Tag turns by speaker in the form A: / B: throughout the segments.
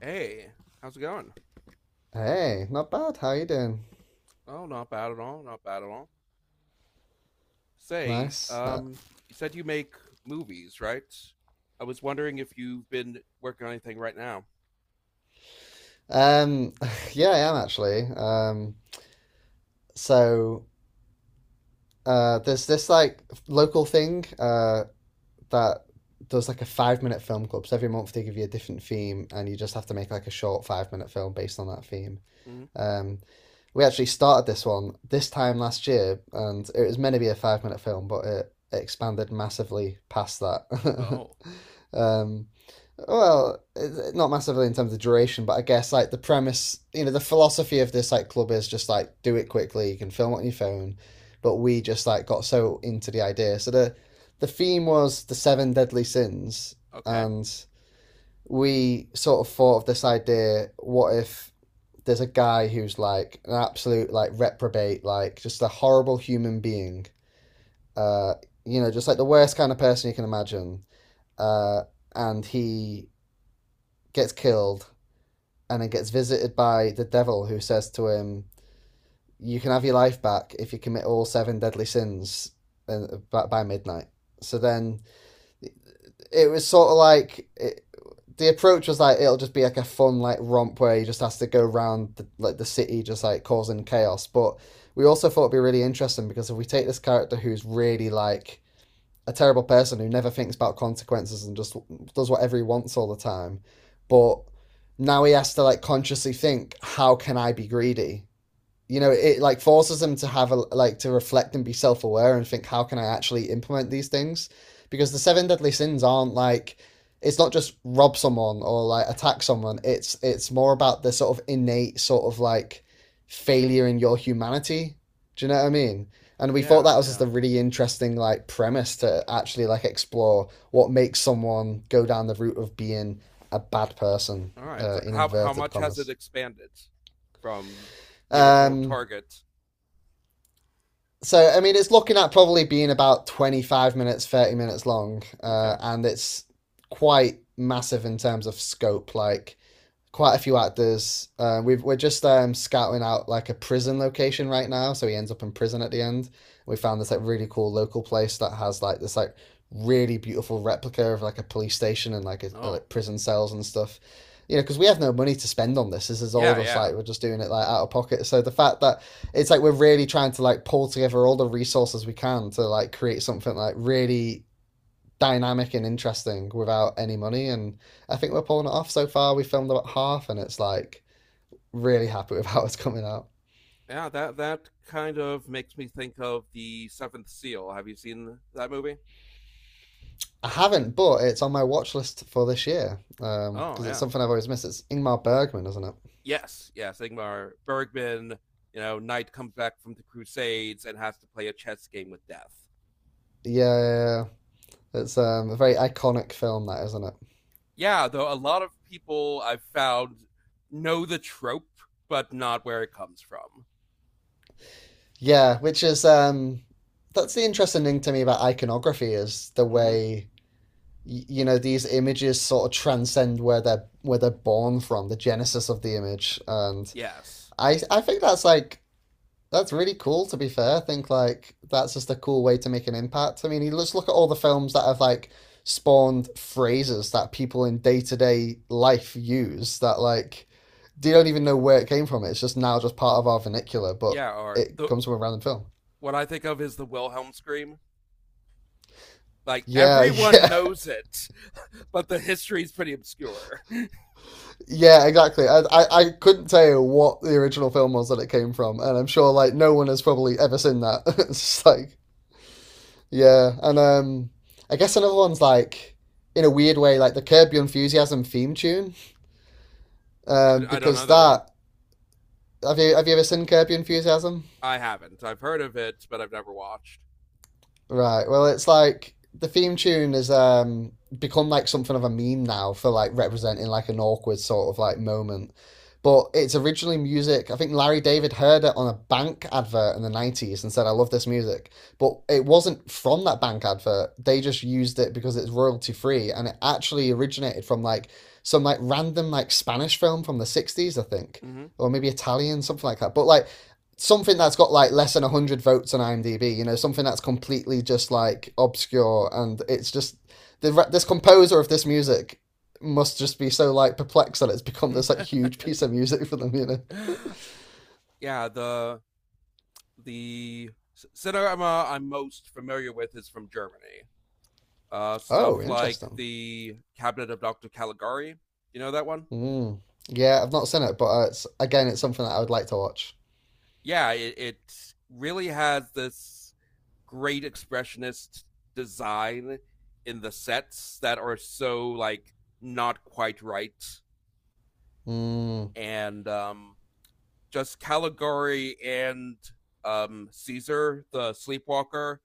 A: Hey, how's it going?
B: Hey, not bad. How you doing?
A: Oh, not bad at all. Not bad at all. Say,
B: Nice.
A: you said you make movies, right? I was wondering if you've been working on anything right now.
B: Um, yeah, I am actually. So there's this like local thing that does like a 5 minute film club. So every month they give you a different theme, and you just have to make like a short 5 minute film based on that theme.
A: Hmm.
B: Um, we actually started this one this time last year, and it was meant to be a 5 minute film, but it expanded massively past that.
A: Oh,
B: Um, Well, not massively in terms of duration, but I guess like the premise, you know, the philosophy of this like club is just like do it quickly. You can film it on your phone, but we just like got so into the idea. So the theme was the seven deadly sins,
A: okay.
B: and we sort of thought of this idea: what if there's a guy who's like an absolute like reprobate, like just a horrible human being, uh, you know, just like the worst kind of person you can imagine, uh, and he gets killed and then gets visited by the devil who says to him, you can have your life back if you commit all seven deadly sins by midnight. So then it was sort of like, the approach was like it'll just be like a fun like romp where he just has to go around like the city just like causing chaos. But we also thought it'd be really interesting because if we take this character who's really like a terrible person who never thinks about consequences and just does whatever he wants all the time. But now he has to like consciously think, how can I be greedy? You know, it like forces them to have a like to reflect and be self-aware and think, how can I actually implement these things, because the seven deadly sins aren't like, it's not just rob someone or like attack someone, it's more about the sort of innate sort of like failure in your humanity, do you know what I mean? And we thought
A: Yeah,
B: that was just a
A: yeah.
B: really interesting like premise to actually like explore what makes someone go down the route of being a bad person,
A: All right. So
B: in
A: how
B: inverted
A: much has it
B: commas.
A: expanded from the original
B: um
A: target?
B: so I mean, it's looking at probably being about 25 minutes, 30 minutes long,
A: Okay.
B: and it's quite massive in terms of scope. Like quite a few actors. We're just scouting out like a prison location right now, so he ends up in prison at the end. We found this like really cool local place that has like this like really beautiful replica of like a police station and like a
A: Oh,
B: like prison cells and stuff. You know, because we have no money to spend on this. This is all
A: yeah,
B: just
A: yeah.
B: like we're just doing it like out of pocket. So the fact that it's like we're really trying to like pull together all the resources we can to like create something like really dynamic and interesting without any money. And I think we're pulling it off so far. We filmed about half, and it's like really happy with how it's coming out.
A: Yeah, that that kind of makes me think of The Seventh Seal. Have you seen that movie?
B: I haven't, but it's on my watch list for this year because
A: Oh,
B: it's
A: yeah.
B: something I've always missed. It's Ingmar Bergman, isn't it?
A: Yes, yes, Ingmar Bergman. You know, Knight comes back from the Crusades and has to play a chess game with death.
B: Yeah, yeah, yeah. Yeah, it's a very iconic film, that isn't it?
A: Yeah, though a lot of people I've found know the trope, but not where it comes from.
B: Yeah, which is that's the interesting thing to me about iconography is the
A: Mm-hmm.
B: way, you know, these images sort of transcend where they're born from, the genesis of the image. And
A: Yes,
B: I think that's like that's really cool, to be fair. I think like that's just a cool way to make an impact. I mean, you just look at all the films that have like spawned phrases that people in day-to-day life use that like they don't even know where it came from. It's just now just part of our vernacular, but
A: yeah, or
B: it
A: the
B: comes from a random film.
A: what I think of is the Wilhelm scream. Like
B: Yeah,
A: everyone
B: yeah,
A: knows it, but the history is pretty obscure.
B: yeah, exactly. I couldn't tell you what the original film was that it came from, and I'm sure like no one has probably ever seen that. It's just like, yeah, and I guess another one's like, in a weird way, like the Curb Your Enthusiasm theme tune,
A: I don't know
B: because
A: that one.
B: that, have you ever seen Curb Your Enthusiasm?
A: I haven't. I've heard of it, but I've never watched.
B: Right. Well, it's like the theme tune has become like something of a meme now for like representing like an awkward sort of like moment. But it's originally music. I think Larry David heard it on a bank advert in the 90s and said, I love this music. But it wasn't from that bank advert. They just used it because it's royalty free. And it actually originated from like some like random like Spanish film from the 60s, I think,
A: Mm-hmm.
B: or maybe Italian, something like that. But like something that's got like less than 100 votes on IMDb, you know, something that's completely just like obscure, and it's just the this composer of this music must just be so like perplexed that it's become this like huge piece of music for them, you know.
A: Yeah, the cinema I'm most familiar with is from Germany.
B: Oh,
A: Stuff like
B: interesting.
A: the Cabinet of Dr. Caligari. You know that one?
B: Mm. Yeah, I've not seen it, but it's again, it's something that I would like to watch.
A: Yeah, it really has this great expressionist design in the sets that are so like not quite right,
B: Mm.
A: and just Caligari and Caesar the Sleepwalker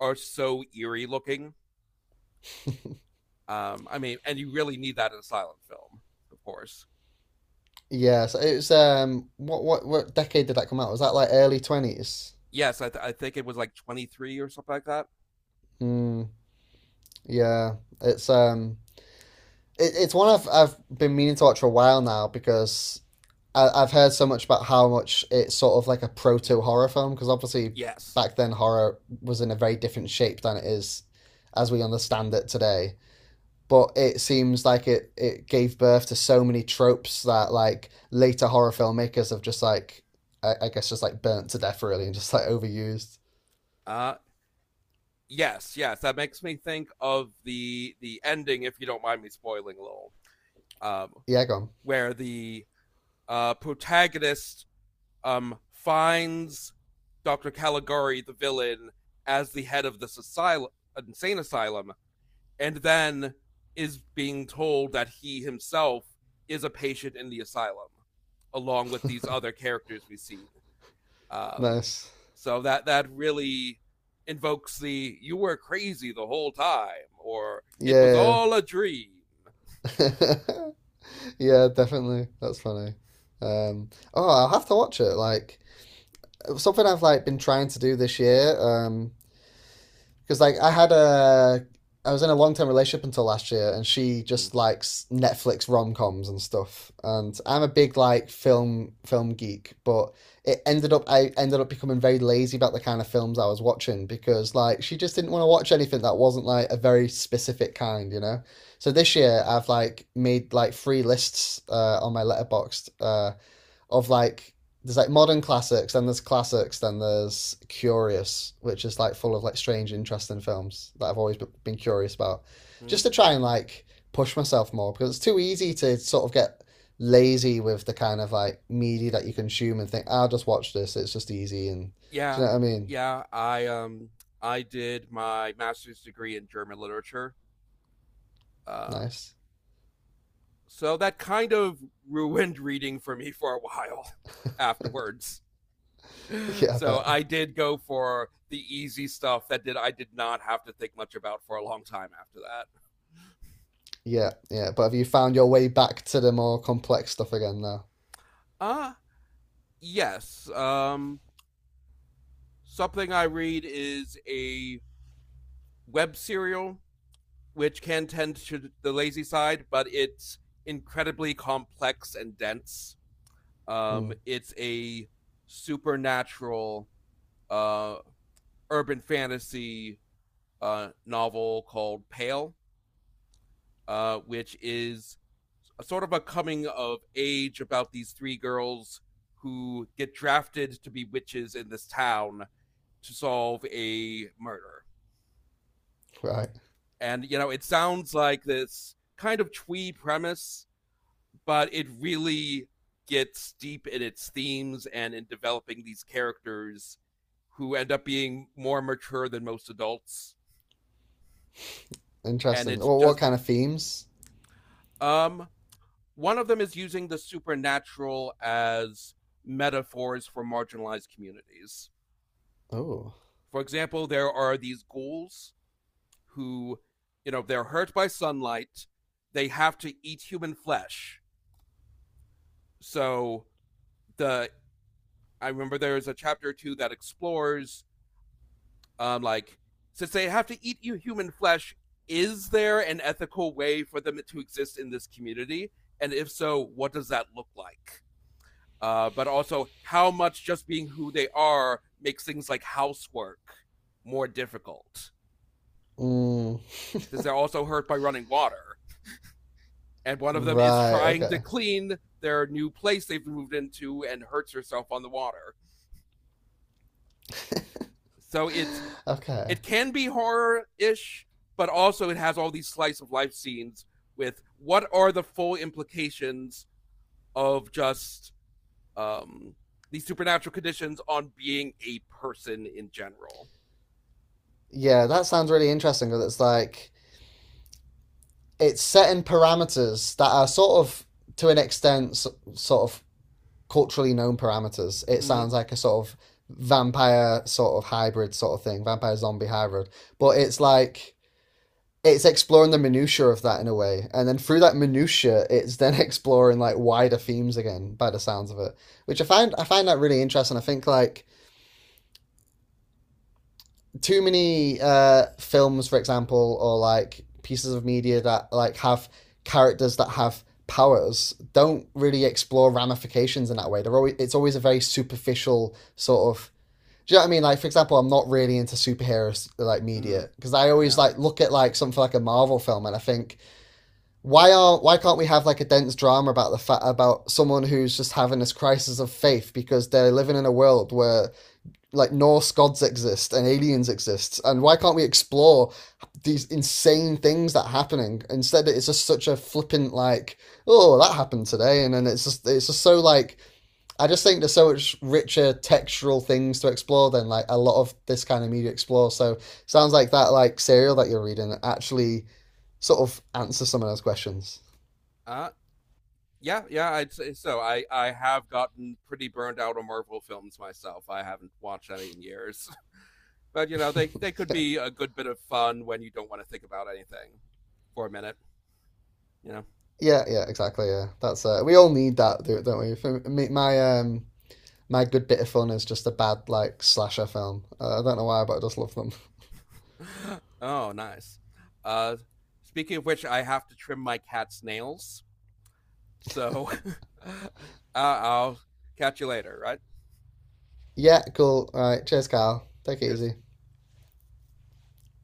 A: are so eerie looking. I mean, and you really need that in a silent film, of course.
B: Yeah, so it was what decade did that come out? Was that like early twenties?
A: Yes, I think it was like 23 or something like that.
B: Mm. Yeah, it's it's one I've been meaning to watch for a while now because I've heard so much about how much it's sort of like a proto horror film, because obviously
A: Yes.
B: back then horror was in a very different shape than it is as we understand it today. But it seems like it gave birth to so many tropes that like later horror filmmakers have just like, I guess just like burnt to death really and just like overused.
A: Uh, yes, yes. That makes me think of the ending, if you don't mind me spoiling a little, um,
B: Yeah, gone.
A: where the protagonist finds Dr. Caligari, the villain, as the head of this asylum, insane asylum, and then is being told that he himself is a patient in the asylum, along with these other characters we've seen. Um,
B: Nice.
A: so that really invokes the "you were crazy the whole time" or "it was
B: Yeah.
A: all a dream."
B: Yeah, definitely. That's funny. Oh, I'll have to watch it. Like, something I've like been trying to do this year, because like I had a, I was in a long term relationship until last year, and she just likes Netflix rom coms and stuff. And I'm a big like film geek, but it ended up, I ended up becoming very lazy about the kind of films I was watching because like she just didn't want to watch anything that wasn't like a very specific kind, you know. So this year I've like made like three lists on my letterboxd. Of like there's like modern classics, then there's curious, which is like full of like strange, interesting films that I've always been curious about,
A: Mm-hmm.
B: just to try and like push myself more because it's too easy to sort of get lazy with the kind of like media that you consume and think, "Ah, I'll just watch this. It's just easy, and do you
A: Yeah,
B: know what I mean?"
A: yeah. I I did my master's degree in German literature, uh,
B: Nice.
A: so that kind of ruined reading for me for a while afterwards.
B: Yeah, I
A: So
B: bet.
A: I did go for the easy stuff that did I did not have to think much about for a long time after that.
B: Yeah, yeah. But have you found your way back to the more complex stuff again now?
A: Ah, yes. Something I read is a web serial which can tend to the lazy side, but it's incredibly complex and dense.
B: Mm,
A: It's a supernatural uh urban fantasy novel called Pale, uh, which is a sort of a coming of age about these three girls who get drafted to be witches in this town to solve a murder.
B: right.
A: And you know, it sounds like this kind of twee premise, but it really gets deep in its themes and in developing these characters who end up being more mature than most adults. And
B: Interesting.
A: it
B: What
A: just
B: kind of themes?
A: um one of them is using the supernatural as metaphors for marginalized communities.
B: Oh.
A: For example, there are these ghouls who, you know, they're hurt by sunlight. They have to eat human flesh. So the I remember there is a chapter or two that explores, like since they have to eat human flesh, is there an ethical way for them to exist in this community? And if so, what does that look like? But also, how much just being who they are makes things like housework more difficult?
B: Mm,
A: Since they're also hurt by running water and one of them is
B: right.
A: trying to
B: Okay.
A: clean their new place they've moved into and hurts herself on the water. So
B: Okay.
A: it can be horror-ish, but also it has all these slice of life scenes with what are the full implications of just um these supernatural conditions on being a person in general.
B: Yeah, that sounds really interesting. Cause it's like it's setting parameters that are sort of, to an extent, sort of culturally known parameters. It
A: Mm-hmm.
B: sounds like a sort of vampire sort of hybrid sort of thing, vampire zombie hybrid. But it's like it's exploring the minutia of that in a way, and then through that minutia, it's then exploring like wider themes again, by the sounds of it, which I find that really interesting. I think like too many films, for example, or like pieces of media that like have characters that have powers don't really explore ramifications in that way. They're always, it's always a very superficial sort of. Do you know what I mean? Like, for example, I'm not really into superheroes like
A: Mm-hmm.
B: media because I always
A: Yeah.
B: like look at like something like a Marvel film and I think, why can't we have like a dense drama about about someone who's just having this crisis of faith because they're living in a world where like Norse gods exist and aliens exist, and why can't we explore these insane things that are happening? Instead, it's just such a flippant like, oh, that happened today, and then it's just so like, I just think there's so much richer textural things to explore than like a lot of this kind of media explore. So it sounds like that like serial that you're reading actually sort of answers some of those questions.
A: Uh yeah, yeah, I'd say so. I have gotten pretty burned out on Marvel films myself. I haven't watched any in years. But you know, they could be a good bit of fun when you don't want to think about anything for a minute. You know.
B: Yeah, yeah, yeah, exactly. Yeah, that's we all need that, don't we? For me, my My Good Bit of Fun is just a bad, like, slasher film. I don't know why, but I just love them.
A: Oh, nice. Uh, speaking of which, I have to trim my cat's nails, so uh, I'll catch you later. Right?
B: Yeah, cool. All right. Cheers, Carl. Take it
A: Cheers.
B: easy.